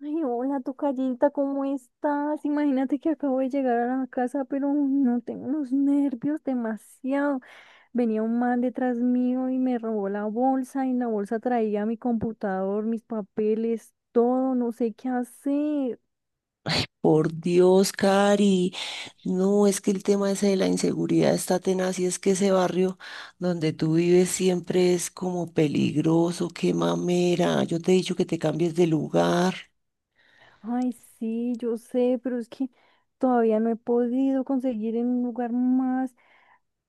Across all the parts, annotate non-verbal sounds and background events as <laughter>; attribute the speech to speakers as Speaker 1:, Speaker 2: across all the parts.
Speaker 1: Ay, hola, tocallita, ¿cómo estás? Imagínate que acabo de llegar a la casa, pero no tengo los nervios demasiado. Venía un man detrás mío y me robó la bolsa, y en la bolsa traía mi computador, mis papeles, todo, no sé qué hacer.
Speaker 2: Ay, por Dios, Cari. No, es que el tema ese de la inseguridad está tenaz y es que ese barrio donde tú vives siempre es como peligroso, qué mamera. Yo te he dicho que te cambies de lugar.
Speaker 1: Ay, sí, yo sé, pero es que todavía no he podido conseguir en un lugar más,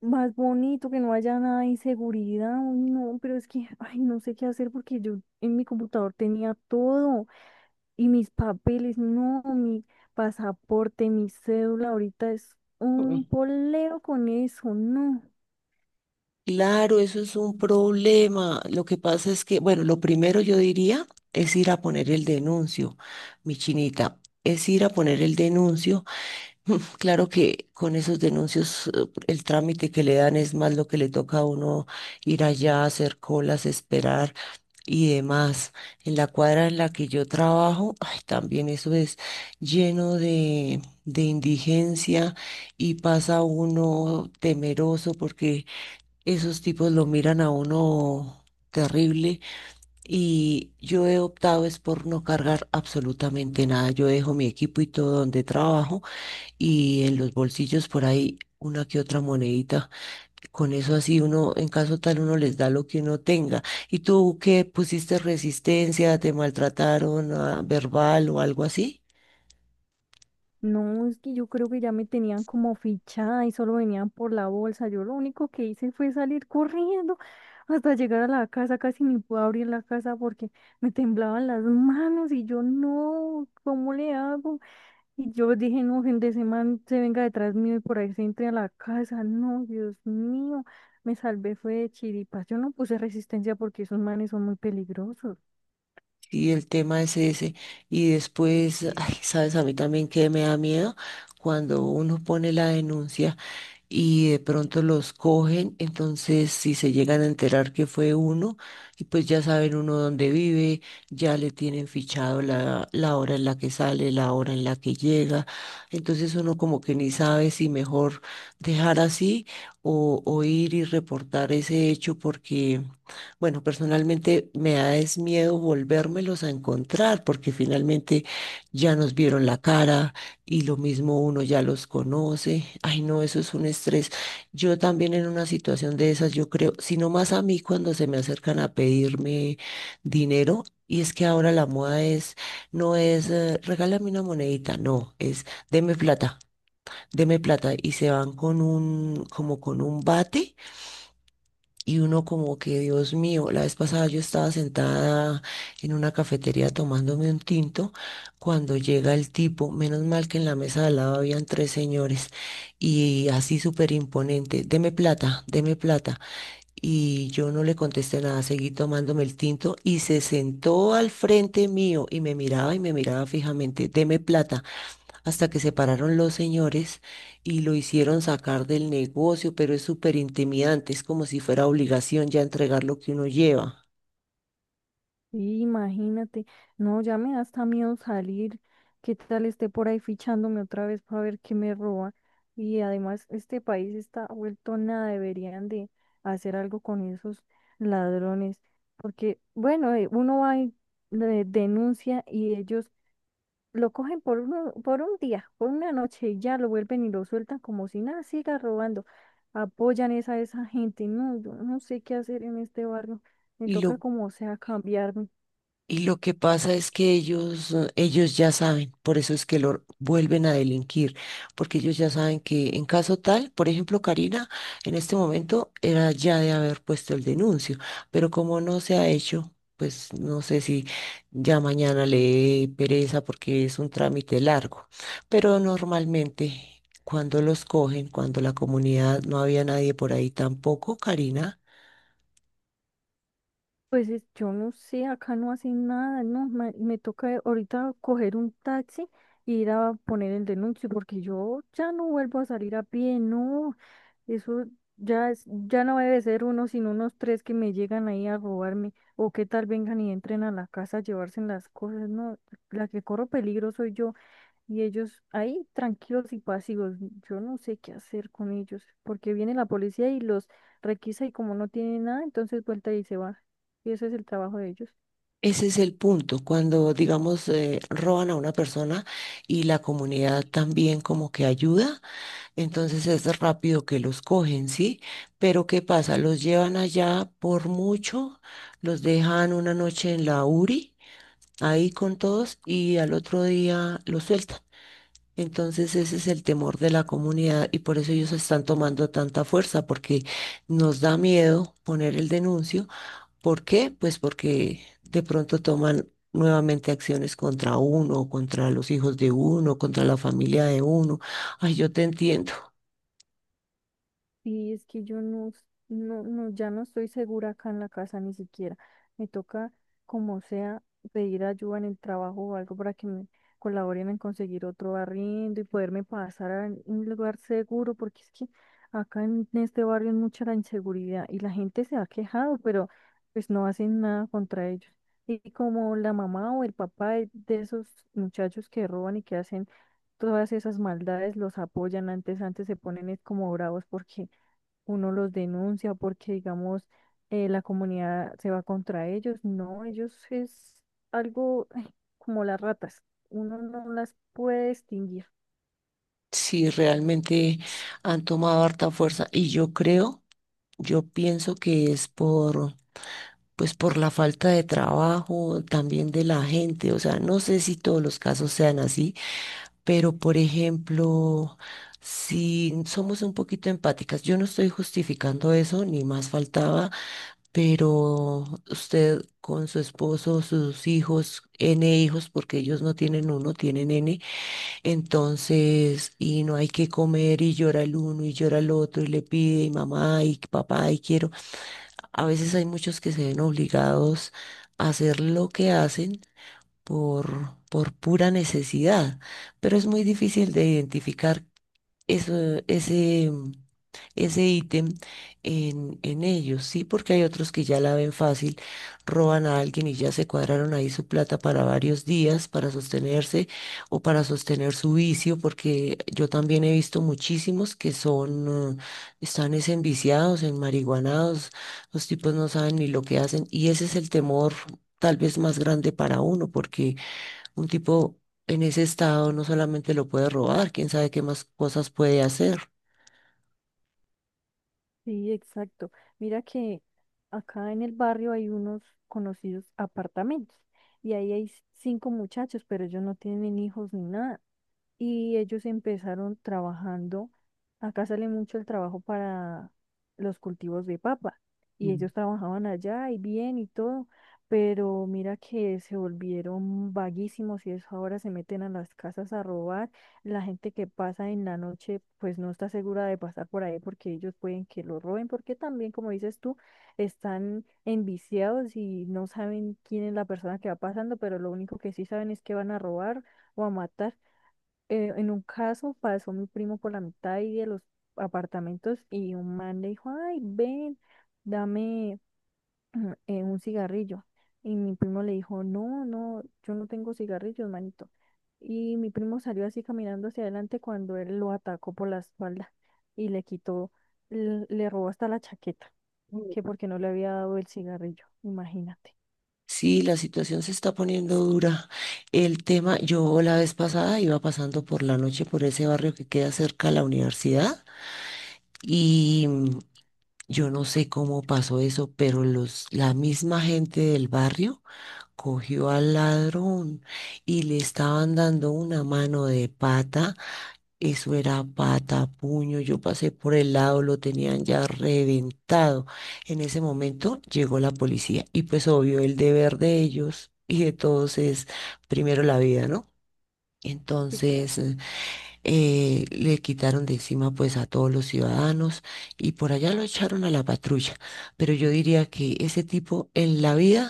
Speaker 1: más bonito, que no haya nada de inseguridad. Ay, no, pero es que, ay, no sé qué hacer porque yo en mi computador tenía todo. Y mis papeles, no, mi pasaporte, mi cédula, ahorita es un
Speaker 2: Mm.
Speaker 1: poleo con eso, no.
Speaker 2: Claro, eso es un problema. Lo que pasa es que, bueno, lo primero yo diría es ir a poner el denuncio, mi chinita, es ir a poner el denuncio. <laughs> Claro que con esos denuncios el trámite que le dan es más lo que le toca a uno ir allá, hacer colas, esperar y demás. En la cuadra en la que yo trabajo, ay, también eso es lleno de indigencia y pasa uno temeroso porque esos tipos lo miran a uno terrible, y yo he optado es por no cargar absolutamente nada. Yo dejo mi equipo y todo donde trabajo y en los bolsillos por ahí una que otra monedita. Con eso así uno, en caso tal, uno les da lo que uno tenga. ¿Y tú qué pusiste resistencia? ¿Te maltrataron ah, verbal o algo así?
Speaker 1: No, es que yo creo que ya me tenían como fichada y solo venían por la bolsa. Yo lo único que hice fue salir corriendo hasta llegar a la casa, casi ni pude abrir la casa porque me temblaban las manos y yo no, ¿cómo le hago? Y yo dije, no, gente, ese man se venga detrás mío y por ahí se entre a la casa. No, Dios mío, me salvé, fue de chiripas. Yo no puse resistencia porque esos manes son muy peligrosos.
Speaker 2: Y el tema es ese. Y después, ay, sabes, a mí también que me da miedo cuando uno pone la denuncia y de pronto los cogen, entonces si se llegan a enterar que fue uno, y pues ya saben uno dónde vive, ya le tienen fichado la hora en la que sale, la hora en la que llega, entonces uno como que ni sabe si mejor dejar así o ir y reportar ese hecho porque, bueno, personalmente me da es miedo volvérmelos a encontrar porque finalmente ya nos vieron la cara y lo mismo uno ya los conoce. Ay, no, eso es un estrés. Yo también en una situación de esas, yo creo, sino más a mí cuando se me acercan a pedirme dinero, y es que ahora la moda es, no es, regálame una monedita, no, es, deme plata, deme plata. Y se van con un, como con un bate, y uno como que, Dios mío, la vez pasada yo estaba sentada en una cafetería tomándome un tinto cuando llega el tipo, menos mal que en la mesa de al lado habían tres señores, y así súper imponente, deme plata, deme plata. Y yo no le contesté nada, seguí tomándome el tinto y se sentó al frente mío y me miraba fijamente, deme plata, hasta que se pararon los señores y lo hicieron sacar del negocio, pero es súper intimidante, es como si fuera obligación ya entregar lo que uno lleva.
Speaker 1: Sí, imagínate, no, ya me da hasta miedo salir, qué tal esté por ahí fichándome otra vez para ver qué me roba. Y además este país está vuelto nada, deberían de hacer algo con esos ladrones, porque bueno, uno va y le denuncia y ellos lo cogen por, por un día, por una noche, y ya lo vuelven y lo sueltan como si nada, siga robando. Apoyan esa, a esa gente. No, yo no sé qué hacer en este barrio. Me
Speaker 2: Y
Speaker 1: toca
Speaker 2: lo
Speaker 1: como sea cambiarme.
Speaker 2: Y lo que pasa es que ellos, ellos ya saben, por eso es que lo vuelven a delinquir, porque ellos ya saben que en caso tal, por ejemplo, Karina, en este momento era ya de haber puesto el denuncio, pero como no se ha hecho, pues no sé si ya mañana le dé pereza porque es un trámite largo, pero normalmente cuando los cogen, cuando la comunidad no había nadie por ahí tampoco, Karina.
Speaker 1: Yo no sé, acá no hacen nada, no, me toca ahorita coger un taxi e ir a poner el denuncio porque yo ya no vuelvo a salir a pie, no. Eso ya es, ya no debe ser uno, sino unos tres que me llegan ahí a robarme, o qué tal vengan y entren a la casa a llevarse las cosas, no, la que corro peligro soy yo, y ellos ahí tranquilos y pasivos, yo no sé qué hacer con ellos, porque viene la policía y los requisa y como no tienen nada, entonces vuelta y se va, y ese es el trabajo de ellos.
Speaker 2: Ese es el punto, cuando digamos roban a una persona y la comunidad también como que ayuda, entonces es rápido que los cogen, ¿sí? Pero ¿qué pasa? Los llevan allá por mucho, los dejan una noche en la URI, ahí con todos y al otro día los sueltan. Entonces ese es el temor de la comunidad y por eso ellos están tomando tanta fuerza, porque nos da miedo poner el denuncio. ¿Por qué? Pues porque de pronto toman nuevamente acciones contra uno, contra los hijos de uno, contra la familia de uno. Ay, yo te entiendo. <laughs>
Speaker 1: Y es que yo no, ya no estoy segura acá en la casa ni siquiera. Me toca, como sea, pedir ayuda en el trabajo o algo para que me colaboren en conseguir otro arriendo y poderme pasar a un lugar seguro, porque es que acá en este barrio es mucha la inseguridad y la gente se ha quejado, pero pues no hacen nada contra ellos. Y como la mamá o el papá de esos muchachos que roban y que hacen todas esas maldades, los apoyan antes, antes se ponen es como bravos porque uno los denuncia porque, digamos, la comunidad se va contra ellos. No, ellos es algo, ay, como las ratas. Uno no las puede distinguir.
Speaker 2: Sí, realmente han tomado harta fuerza y yo creo, yo pienso que es por, pues por la falta de trabajo también de la gente. O sea, no sé si todos los casos sean así, pero por ejemplo, si somos un poquito empáticas, yo no estoy justificando eso, ni más faltaba. Pero usted con su esposo, sus hijos, N hijos, porque ellos no tienen uno, tienen N, entonces, y no hay que comer y llora el uno y llora el otro y le pide y mamá y papá y quiero. A veces hay muchos que se ven obligados a hacer lo que hacen por pura necesidad, pero es muy difícil de identificar eso, ese, ese ítem en ellos, ¿sí? Porque hay otros que ya la ven fácil, roban a alguien y ya se cuadraron ahí su plata para varios días, para sostenerse o para sostener su vicio, porque yo también he visto muchísimos que son, están es enviciados, enmariguanados, los tipos no saben ni lo que hacen y ese es el temor tal vez más grande para uno, porque un tipo en ese estado no solamente lo puede robar, quién sabe qué más cosas puede hacer.
Speaker 1: Sí, exacto. Mira que acá en el barrio hay unos conocidos apartamentos y ahí hay cinco muchachos, pero ellos no tienen hijos ni nada. Y ellos empezaron trabajando. Acá sale mucho el trabajo para los cultivos de papa y
Speaker 2: Mm.
Speaker 1: ellos trabajaban allá y bien y todo, pero mira que se volvieron vaguísimos y eso ahora se meten a las casas a robar. La gente que pasa en la noche pues no está segura de pasar por ahí porque ellos pueden que lo roben porque también como dices tú están enviciados y no saben quién es la persona que va pasando, pero lo único que sí saben es que van a robar o a matar. En un caso pasó mi primo por la mitad ahí de los apartamentos y un man le dijo, ay, ven, dame, un cigarrillo. Y mi primo le dijo, no, no, yo no tengo cigarrillos, manito. Y mi primo salió así caminando hacia adelante cuando él lo atacó por la espalda y le quitó, le robó hasta la chaqueta, que porque no le había dado el cigarrillo, imagínate.
Speaker 2: Sí, la situación se está poniendo dura. El tema, yo la vez pasada iba pasando por la noche por ese barrio que queda cerca a la universidad. Y yo no sé cómo pasó eso, pero los, la misma gente del barrio cogió al ladrón y le estaban dando una mano de pata. Eso era pata, puño. Yo pasé por el lado, lo tenían ya reventado. En ese momento llegó la policía y pues obvio el deber de ellos y de todos es primero la vida, ¿no?
Speaker 1: Sí, claro.
Speaker 2: Entonces le quitaron de encima pues a todos los ciudadanos y por allá lo echaron a la patrulla. Pero yo diría que ese tipo en la vida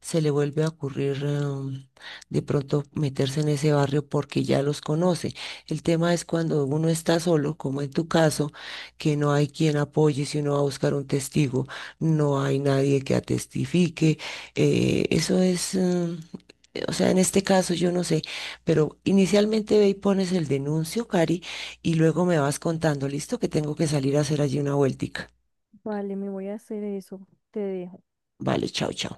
Speaker 2: se le vuelve a ocurrir de pronto meterse en ese barrio porque ya los conoce. El tema es cuando uno está solo, como en tu caso, que no hay quien apoye si uno va a buscar un testigo, no hay nadie que atestifique. eh, eso es... em, o sea, en este caso yo no sé, pero inicialmente ve y pones el denuncio, Cari, y luego me vas contando, listo, que tengo que salir a hacer allí una vueltica.
Speaker 1: Vale, me voy a hacer eso. Te dejo.
Speaker 2: Vale, chao, chao.